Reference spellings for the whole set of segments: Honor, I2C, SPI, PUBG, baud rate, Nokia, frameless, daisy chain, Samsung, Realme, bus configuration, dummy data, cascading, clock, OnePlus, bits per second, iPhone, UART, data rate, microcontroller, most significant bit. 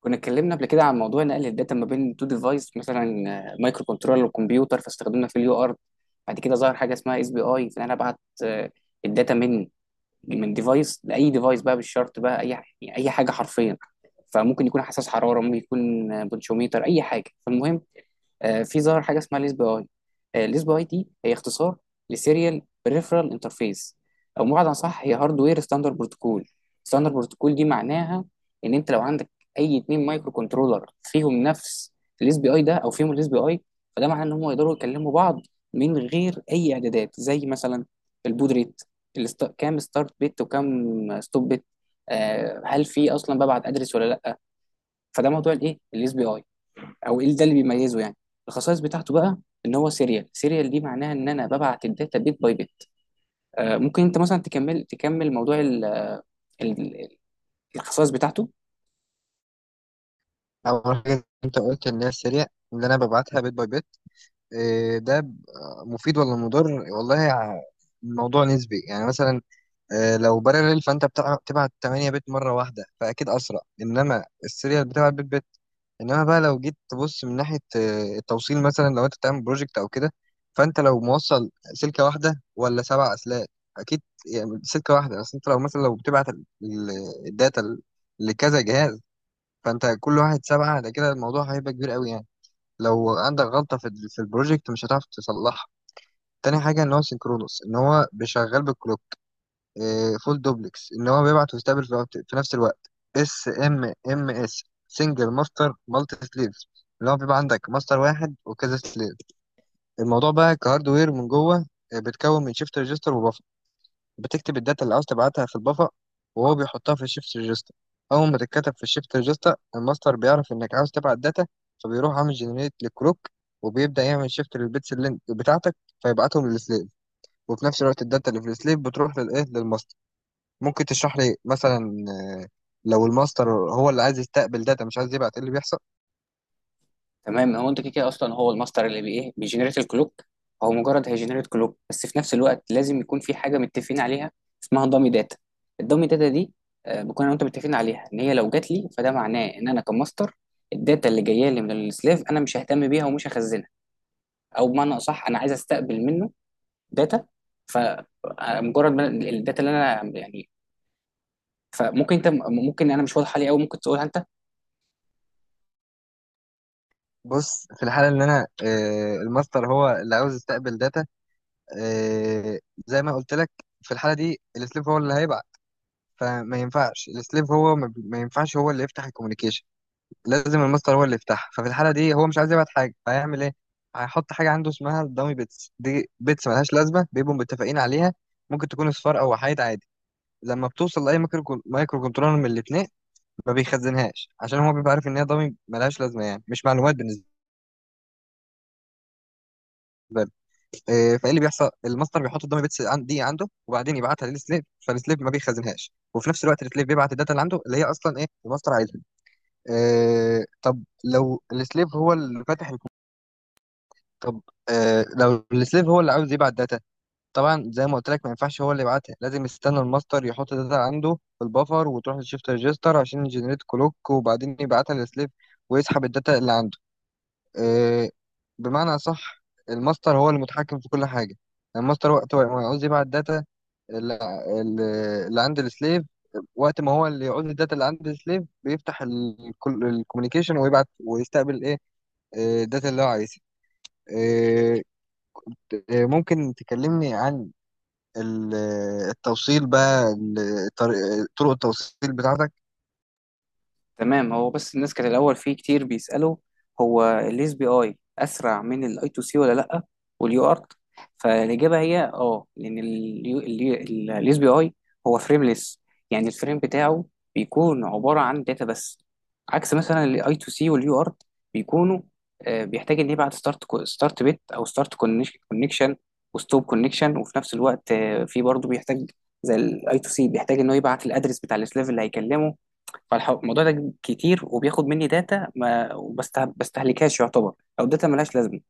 كنا اتكلمنا قبل كده عن موضوع نقل الداتا ما بين تو ديفايس، مثلا مايكرو كنترولر وكمبيوتر، فاستخدمنا في اليو ار. بعد كده ظهر حاجه اسمها اس بي اي، فانا ابعت آه، الداتا من ديفايس لاي ديفايس بقى، بالشرط بقى اي حاجه حرفيا. فممكن يكون حساس حراره، ممكن يكون بونشوميتر، اي حاجه. فالمهم في ظهر حاجه اسمها ليس بي اي دي، هي اختصار لسيريال بريفرال انترفيس، او بمعنى صح هي هاردوير ستاندرد بروتوكول. دي معناها ان انت لو عندك اي اتنين مايكرو كنترولر فيهم نفس الليس بي اي ده، او فيهم الليس بي اي، فده معناه ان هم يقدروا يكلموا بعض من غير اي اعدادات، زي مثلا البود ريت، كام ستارت بت وكام ستوب بت. هل في اصلا ببعت ادرس ولا لا؟ فده موضوع الايه، الاس بي اي. او ايه ده اللي بيميزه؟ يعني الخصائص بتاعته بقى: ان هو سيريال. سيريال دي معناها ان انا ببعت الداتا بيت باي بيت. ممكن انت مثلا تكمل موضوع ال- الخصائص بتاعته؟ أول حاجة أنت قلت إن هي السريع، اللي أنا ببعتها بيت باي بيت. إيه ده. مفيد ولا مضر والله الموضوع نسبي يعني مثلا. لو بارلل فأنت بتبعت 8 بيت مرة واحدة، فأكيد أسرع، إنما السريع بتبعت بيت بيت. إنما بقى لو جيت تبص من ناحية التوصيل مثلا، لو أنت بتعمل بروجكت أو كده، فأنت لو موصل سلكة واحدة ولا سبع أسلاك. أكيد. يعني سلكة واحدة بس، أنت لو مثلا لو بتبعت الداتا لكذا جهاز، فانت كل واحد سبعة، ده كده الموضوع هيبقى كبير قوي يعني. لو عندك غلطة في في البروجكت مش هتعرف تصلحها. تاني حاجة ان هو سينكرونوس، ان هو بيشغل بالكلوك. إيه فول دوبلكس، ان هو بيبعت ويستقبل في نفس الوقت. اس ام ام اس، سنجل ماستر مالتي سليفز، اللي هو بيبقى عندك ماستر واحد وكذا سليف. الموضوع بقى كهاردوير من جوه، بتكون من شيفت ريجستر. بتكتب الداتا اللي عاوز تبعتها في البفر، وهو بيحطها في الشيفت ريجستا. اول ما تتكتب في الشيفت ريجستا، الماستر بيعرف انك عاوز تبعت داتا، فبيروح عامل جنريت للكروك، وبيبدأ يعمل شيفت للبيتس اللي بتاعتك فيبعتهم للسليف. وفي نفس الوقت الداتا اللي في السليف بتروح للايه، للماستر. ممكن تشرح لي مثلا لو الماستر هو اللي عايز يستقبل داتا مش عايز يبعت، ايه اللي بيحصل؟ تمام، هو انت كده كده اصلا هو الماستر، اللي بي ايه بيجنريت الكلوك. هو مجرد هيجنريت كلوك، بس في نفس الوقت لازم يكون في حاجه متفقين عليها، اسمها دامي داتا. الدامي داتا دي بكون انا وانت متفقين عليها ان هي لو جات لي، فده معناه ان انا كماستر الداتا اللي جايه لي من السلاف انا مش ههتم بيها، ومش هخزنها. او بمعنى اصح، انا عايز استقبل منه داتا. فمجرد ما الداتا اللي انا، يعني، فممكن انت، ممكن انا مش واضح عليه قوي، ممكن تقولها انت. بص، في الحالة اللي انا الماستر هو اللي عاوز يستقبل داتا، آه، زي ما قلت لك، في الحالة دي السليف هو اللي هيبعت. فما ينفعش السليف هو ما ينفعش هو اللي يفتح الكوميونيكيشن، لازم الماستر هو اللي يفتحها. ففي الحاله دي هو مش عايز يبعت حاجه، فهيعمل ايه؟ هيحط حاجه عنده اسمها الدامي بيتس، دي بيتس ملهاش لازمه، بيبقوا متفقين عليها. ممكن تكون اصفار او وحايد عادي. لما بتوصل لاي مايكرو كنترولر من الاثنين، ما بيخزنهاش، عشان هو بيبقى عارف ان هي دامي ملهاش لازمه، يعني مش معلومات بالنسبه له. إيه، فايه اللي بيحصل؟ الماستر بيحط الدامي بيتس دي عنده، وبعدين يبعتها للسليف، فالسليف ما بيخزنهاش. وفي نفس الوقت السليف بيبعت الداتا اللي عنده، اللي هي اصلا ايه، الماستر عايزها. آه، طب لو السليف هو اللي فاتح الكمبيوتر، طب آه لو السليف هو اللي عاوز يبعت داتا، طبعا زي ما قلت لك ما ينفعش هو اللي يبعتها، لازم يستنى الماستر يحط داتا عنده في البفر، وتروح للشيفت ريجستر عشان يجنريت كلوك، وبعدين يبعتها للسليف، ويسحب الداتا اللي عنده. آه، بمعنى صح، الماستر هو المتحكم في كل حاجة. يعني الماستر وقت ما يعوز يبعت داتا اللي اللي عند السليف، وقت ما هو اللي يعوز الداتا اللي عند السليف، بيفتح الكوميونيكيشن ويبعت ويستقبل ايه، الداتا اللي هو عايزها. آه، ممكن تكلمني عن ال- التوصيل بقى، طرق التوصيل بتاعتك؟ تمام، هو بس الناس كانت الأول فيه كتير بيسألوا: هو ال SPI أسرع من ال I2C ولا لأ، واليو ارت؟ فالإجابة هي لأن ال SPI هو فريمليس. يعني الفريم بتاعه بيكون عبارة عن داتا بس، عكس مثلا ال I2C واليو ارت بيكونوا، بيحتاج إن يبعت ستارت بت أو ستارت كونكشن وستوب كونكشن، وفي نفس الوقت في برضه بيحتاج، زي ال I2C، بيحتاج إن هو يبعت الأدرس بتاع السلاف اللي هيكلمه. فالموضوع ده كتير وبياخد مني داتا ما بستهلكهاش يعتبر، او داتا ملهاش لازمه،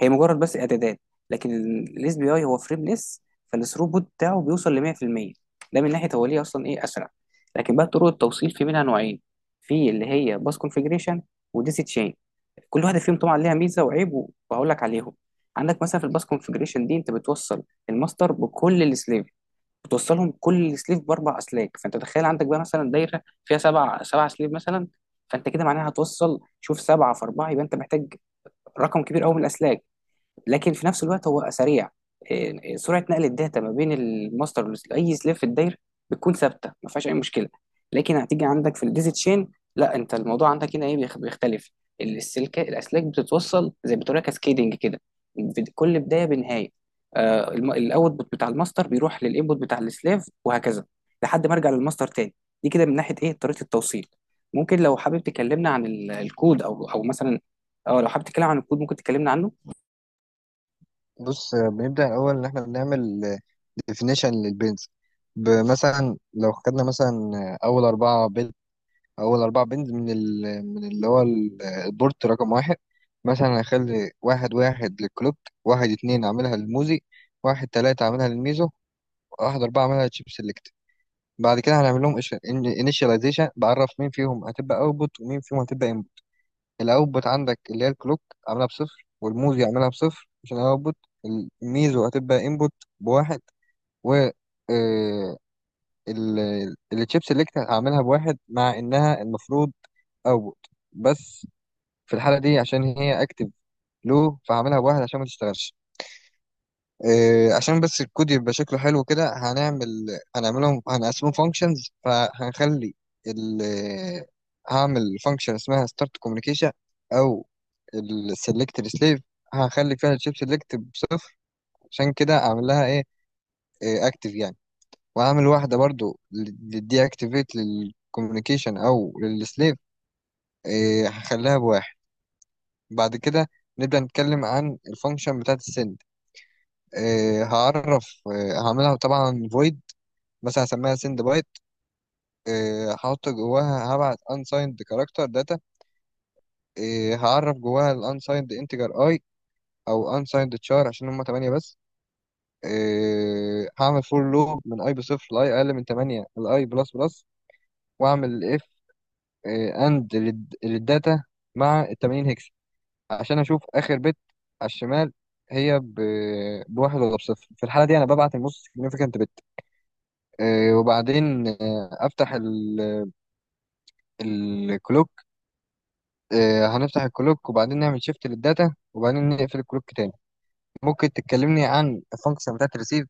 هي مجرد بس اعدادات. لكن الاس بي اي هو فريمليس، فالثروبوت بتاعه بيوصل ل 100%. ده من ناحيه هو ليه اصلا ايه اسرع. لكن بقى طرق التوصيل في منها نوعين: في اللي هي باس كونفيجريشن وديسي تشين. كل واحده فيهم طبعا ليها ميزه وعيب، وهقول لك عليهم. عندك مثلا في الباس كونفيجريشن دي انت بتوصل الماستر بكل السليف، بتوصلهم كل سليف باربع اسلاك. فانت تخيل عندك بقى مثلا دايره فيها سبع سليف مثلا، فانت كده معناها هتوصل، شوف، سبعه في اربعه، يبقى انت محتاج رقم كبير قوي من الاسلاك. لكن في نفس الوقت هو سريع. إيه، سرعه نقل الداتا ما بين الماستر لاي سليف في الداير بتكون ثابته، ما فيهاش اي مشكله. لكن هتيجي عندك في الديزي تشين، لا، انت الموضوع عندك هنا ايه بيختلف. السلك، الاسلاك بتتوصل زي بتقول كاسكيدنج كده، كل بدايه بنهايه. الاوتبوت بتاع الماستر بيروح للانبوت بتاع السليف، وهكذا لحد ما ارجع للماستر تاني. دي كده من ناحيه ايه طريقه التوصيل. ممكن لو حابب تكلمنا عن الكود، او مثلا، اه لو حابب تتكلم عن الكود ممكن تكلمنا عنه. بص، بنبدأ الأول إن إحنا بنعمل definition للبنز. مثلا لو خدنا مثلا أول أربعة بنز أول أربعة بنز من ال من اللي هو البورت رقم واحد، مثلا هخلي واحد واحد للكلوب، واحد اتنين أعملها للموزي، واحد تلاتة أعملها للميزو، واحد أربعة أعملها للشيب سيلكت. بعد كده هنعمل لهم initialization، بعرف مين فيهم هتبقى output ومين فيهم هتبقى input. الاوتبوت عندك اللي هي الكلوك عاملها بصفر، والموز يعملها بصفر عشان الاوتبوت. الميزو هتبقى انبوت بواحد، و آه، التشيب سيلكت هعملها بواحد مع انها المفروض اوتبوت، بس في الحالة دي عشان هي اكتف لو، فهعملها بواحد عشان ما تشتغلش. إيه، عشان بس الكود يبقى شكله حلو كده، هنعمل هنعملهم هنقسمهم فانكشنز. فهنخلي ال آه، هعمل فانكشن اسمها ستارت كوميونيكيشن او السلكت السليف، هخلي فيها الشيب سلكت بصفر عشان كده اعمل لها ايه، اكتف يعني. وهعمل واحده برضو للدي اكتيفيت للكوميونيكيشن او للسليف، إيه، هخليها بواحد. بعد كده نبدأ نتكلم عن الفانكشن بتاعت السند. إيه هعرف، إيه هعملها طبعا void، مثلا هسميها سند بايت. هحط جواها، هبعت unsigned كاركتر داتا، هعرف جواها ال unsigned integer i او unsigned char عشان هما 8 بس. هعمل for لوب من i بصفر ل i اقل من 8 ل i بلس بلس، واعمل if and للداتا مع ال 0x80 هكس عشان اشوف اخر بت على الشمال هي بواحد ولا بصفر. في الحالة دي أنا ببعت النص significant bit. وبعدين أفتح الكلوك. هنفتح الكلوك وبعدين نعمل شيفت للداتا وبعدين نقفل الكلوك تاني. ممكن تكلمني عن الفانكشن بتاعت الريسيف؟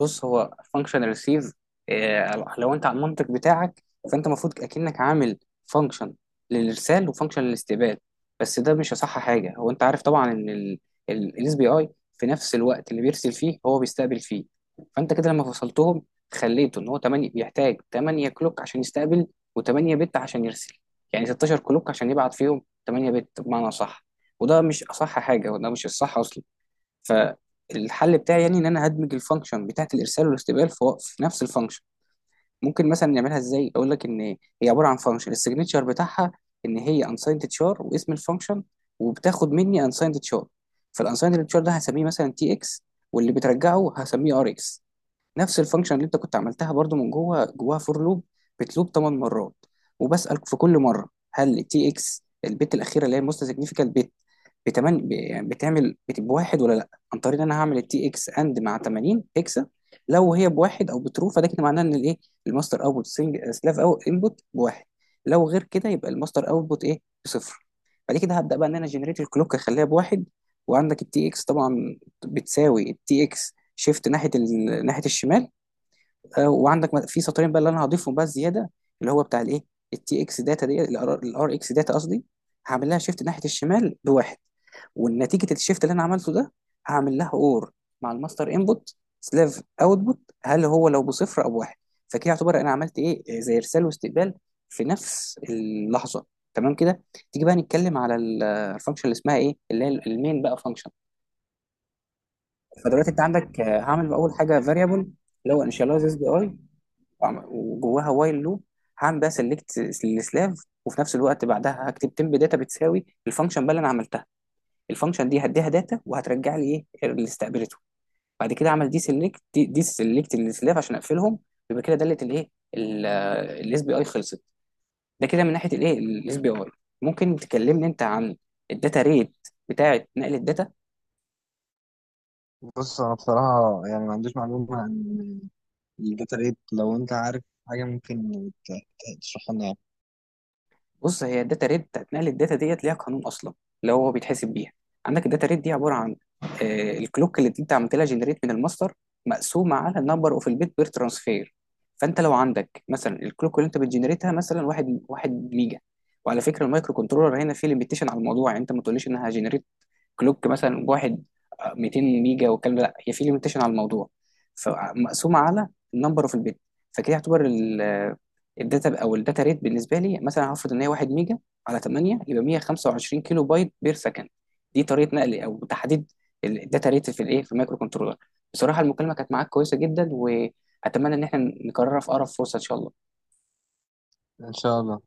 بص، هو فانكشن ريسيف، لو انت على المنطق بتاعك، فانت المفروض اكنك عامل فانكشن للارسال وفانكشن للاستقبال، بس ده مش اصح حاجه. هو انت عارف طبعا ان الاس بي اي في نفس الوقت اللي بيرسل فيه هو بيستقبل فيه. فانت كده لما فصلتهم، خليته ان هو 8 بيحتاج 8 كلوك عشان يستقبل، و8 بت عشان يرسل، يعني 16 كلوك عشان يبعت فيهم 8 بت بمعنى صح. وده مش اصح حاجه، وده مش الصح اصلا. فالحل بتاعي يعني ان انا هدمج الفانكشن بتاعت الارسال والاستقبال في في نفس الفانكشن. ممكن مثلا نعملها ازاي، اقول لك ان هي عباره عن فانكشن، السيجنتشر بتاعها ان هي unsigned char واسم الفانكشن، وبتاخد مني unsigned char. فالunsigned char ده هسميه مثلا تي اكس، واللي بترجعه هسميه ار اكس. نفس الفانكشن اللي انت كنت عملتها برضو، من جوه جواها فور لوب بتلوب 8 مرات، وبسأل في كل مره: هل تي اكس البت الاخيره اللي هي موست سيجنيفيكال بت يعني بواحد ولا لا؟ عن طريق ان انا هعمل التي اكس اند مع 80 هيكسا. لو هي بواحد او بترو، فده كده معناه ان الايه الماستر اوتبوت سلاف او انبوت بواحد. لو غير كده، يبقى الماستر اوتبوت ايه بصفر. بعد كده هبدا بقى ان انا جنريت الكلوك، اخليها بواحد، وعندك التي اكس طبعا بتساوي التي اكس شيفت ناحيه ناحيه الشمال. وعندك في سطرين بقى اللي انا هضيفهم بقى زياده، اللي هو بتاع الايه التي اكس داتا، دي الار اكس داتا قصدي، هعمل لها شيفت ناحيه الشمال بواحد. ونتيجه الشيفت اللي انا عملته ده، هعمل لها اور مع الماستر انبوت سلاف اوتبوت، هل هو لو بصفر او بواحد. فكده يعتبر انا عملت ايه، زي ارسال واستقبال في نفس اللحظه. تمام كده. تيجي بقى نتكلم على الفانكشن اللي اسمها ايه، اللي هي المين بقى فانكشن. فدلوقتي انت عندك، هعمل اول حاجه فاريبل اللي هو انيشاليزز بي اي، وجواها وايل لوب. هعمل بقى سيلكت السلاف، وفي نفس الوقت بعدها هكتب تمب داتا بتساوي الفانكشن بقى اللي انا عملتها، الفانكشن دي هديها داتا وهترجع لي ايه اللي استقبلته. بعد كده اعمل دي سيلكت دي سيلكت السلاف عشان اقفلهم. يبقى كده دلت الايه الاس بي اي خلصت. ده كده من ناحيه الايه الاس بي اي. ممكن تكلمني انت عن الداتا ريت بتاعه نقل الداتا؟ بص انا بصراحه يعني ما عنديش معلومه عن الداتا ريت، لو انت عارف حاجه ممكن تشرحها لنا يعني. بص، هي الداتا ريت بتاعت نقل الداتا ديت ليها قانون اصلا اللي هو بيتحسب بيها. عندك الداتا ريت دي عباره عن الكلوك اللي انت عملت لها جنريت من الماستر، مقسومه على النمبر اوف البيت بير ترانسفير. فانت لو عندك مثلا الكلوك اللي انت بتجنريتها مثلا واحد ميجا. وعلى فكره المايكرو كنترولر هنا فيه ليميتيشن على الموضوع، يعني انت ما تقوليش انها جنريت كلوك مثلا واحد آه، 200 ميجا والكلام ده، لا، هي في ليميتيشن على الموضوع. فمقسومه على النمبر اوف البيت، فكده يعتبر الداتا او الداتا ريت بالنسبه لي مثلا هفرض ان هي 1 ميجا على 8، يبقى 125 كيلو بايت بير سكند. دي طريقه نقل او تحديد الداتا ريت في الايه، في المايكرو كنترولر. بصراحه المكالمه كانت معاك كويسه جدا، واتمنى ان احنا نكررها في اقرب فرصه ان شاء الله. ان شاء الله.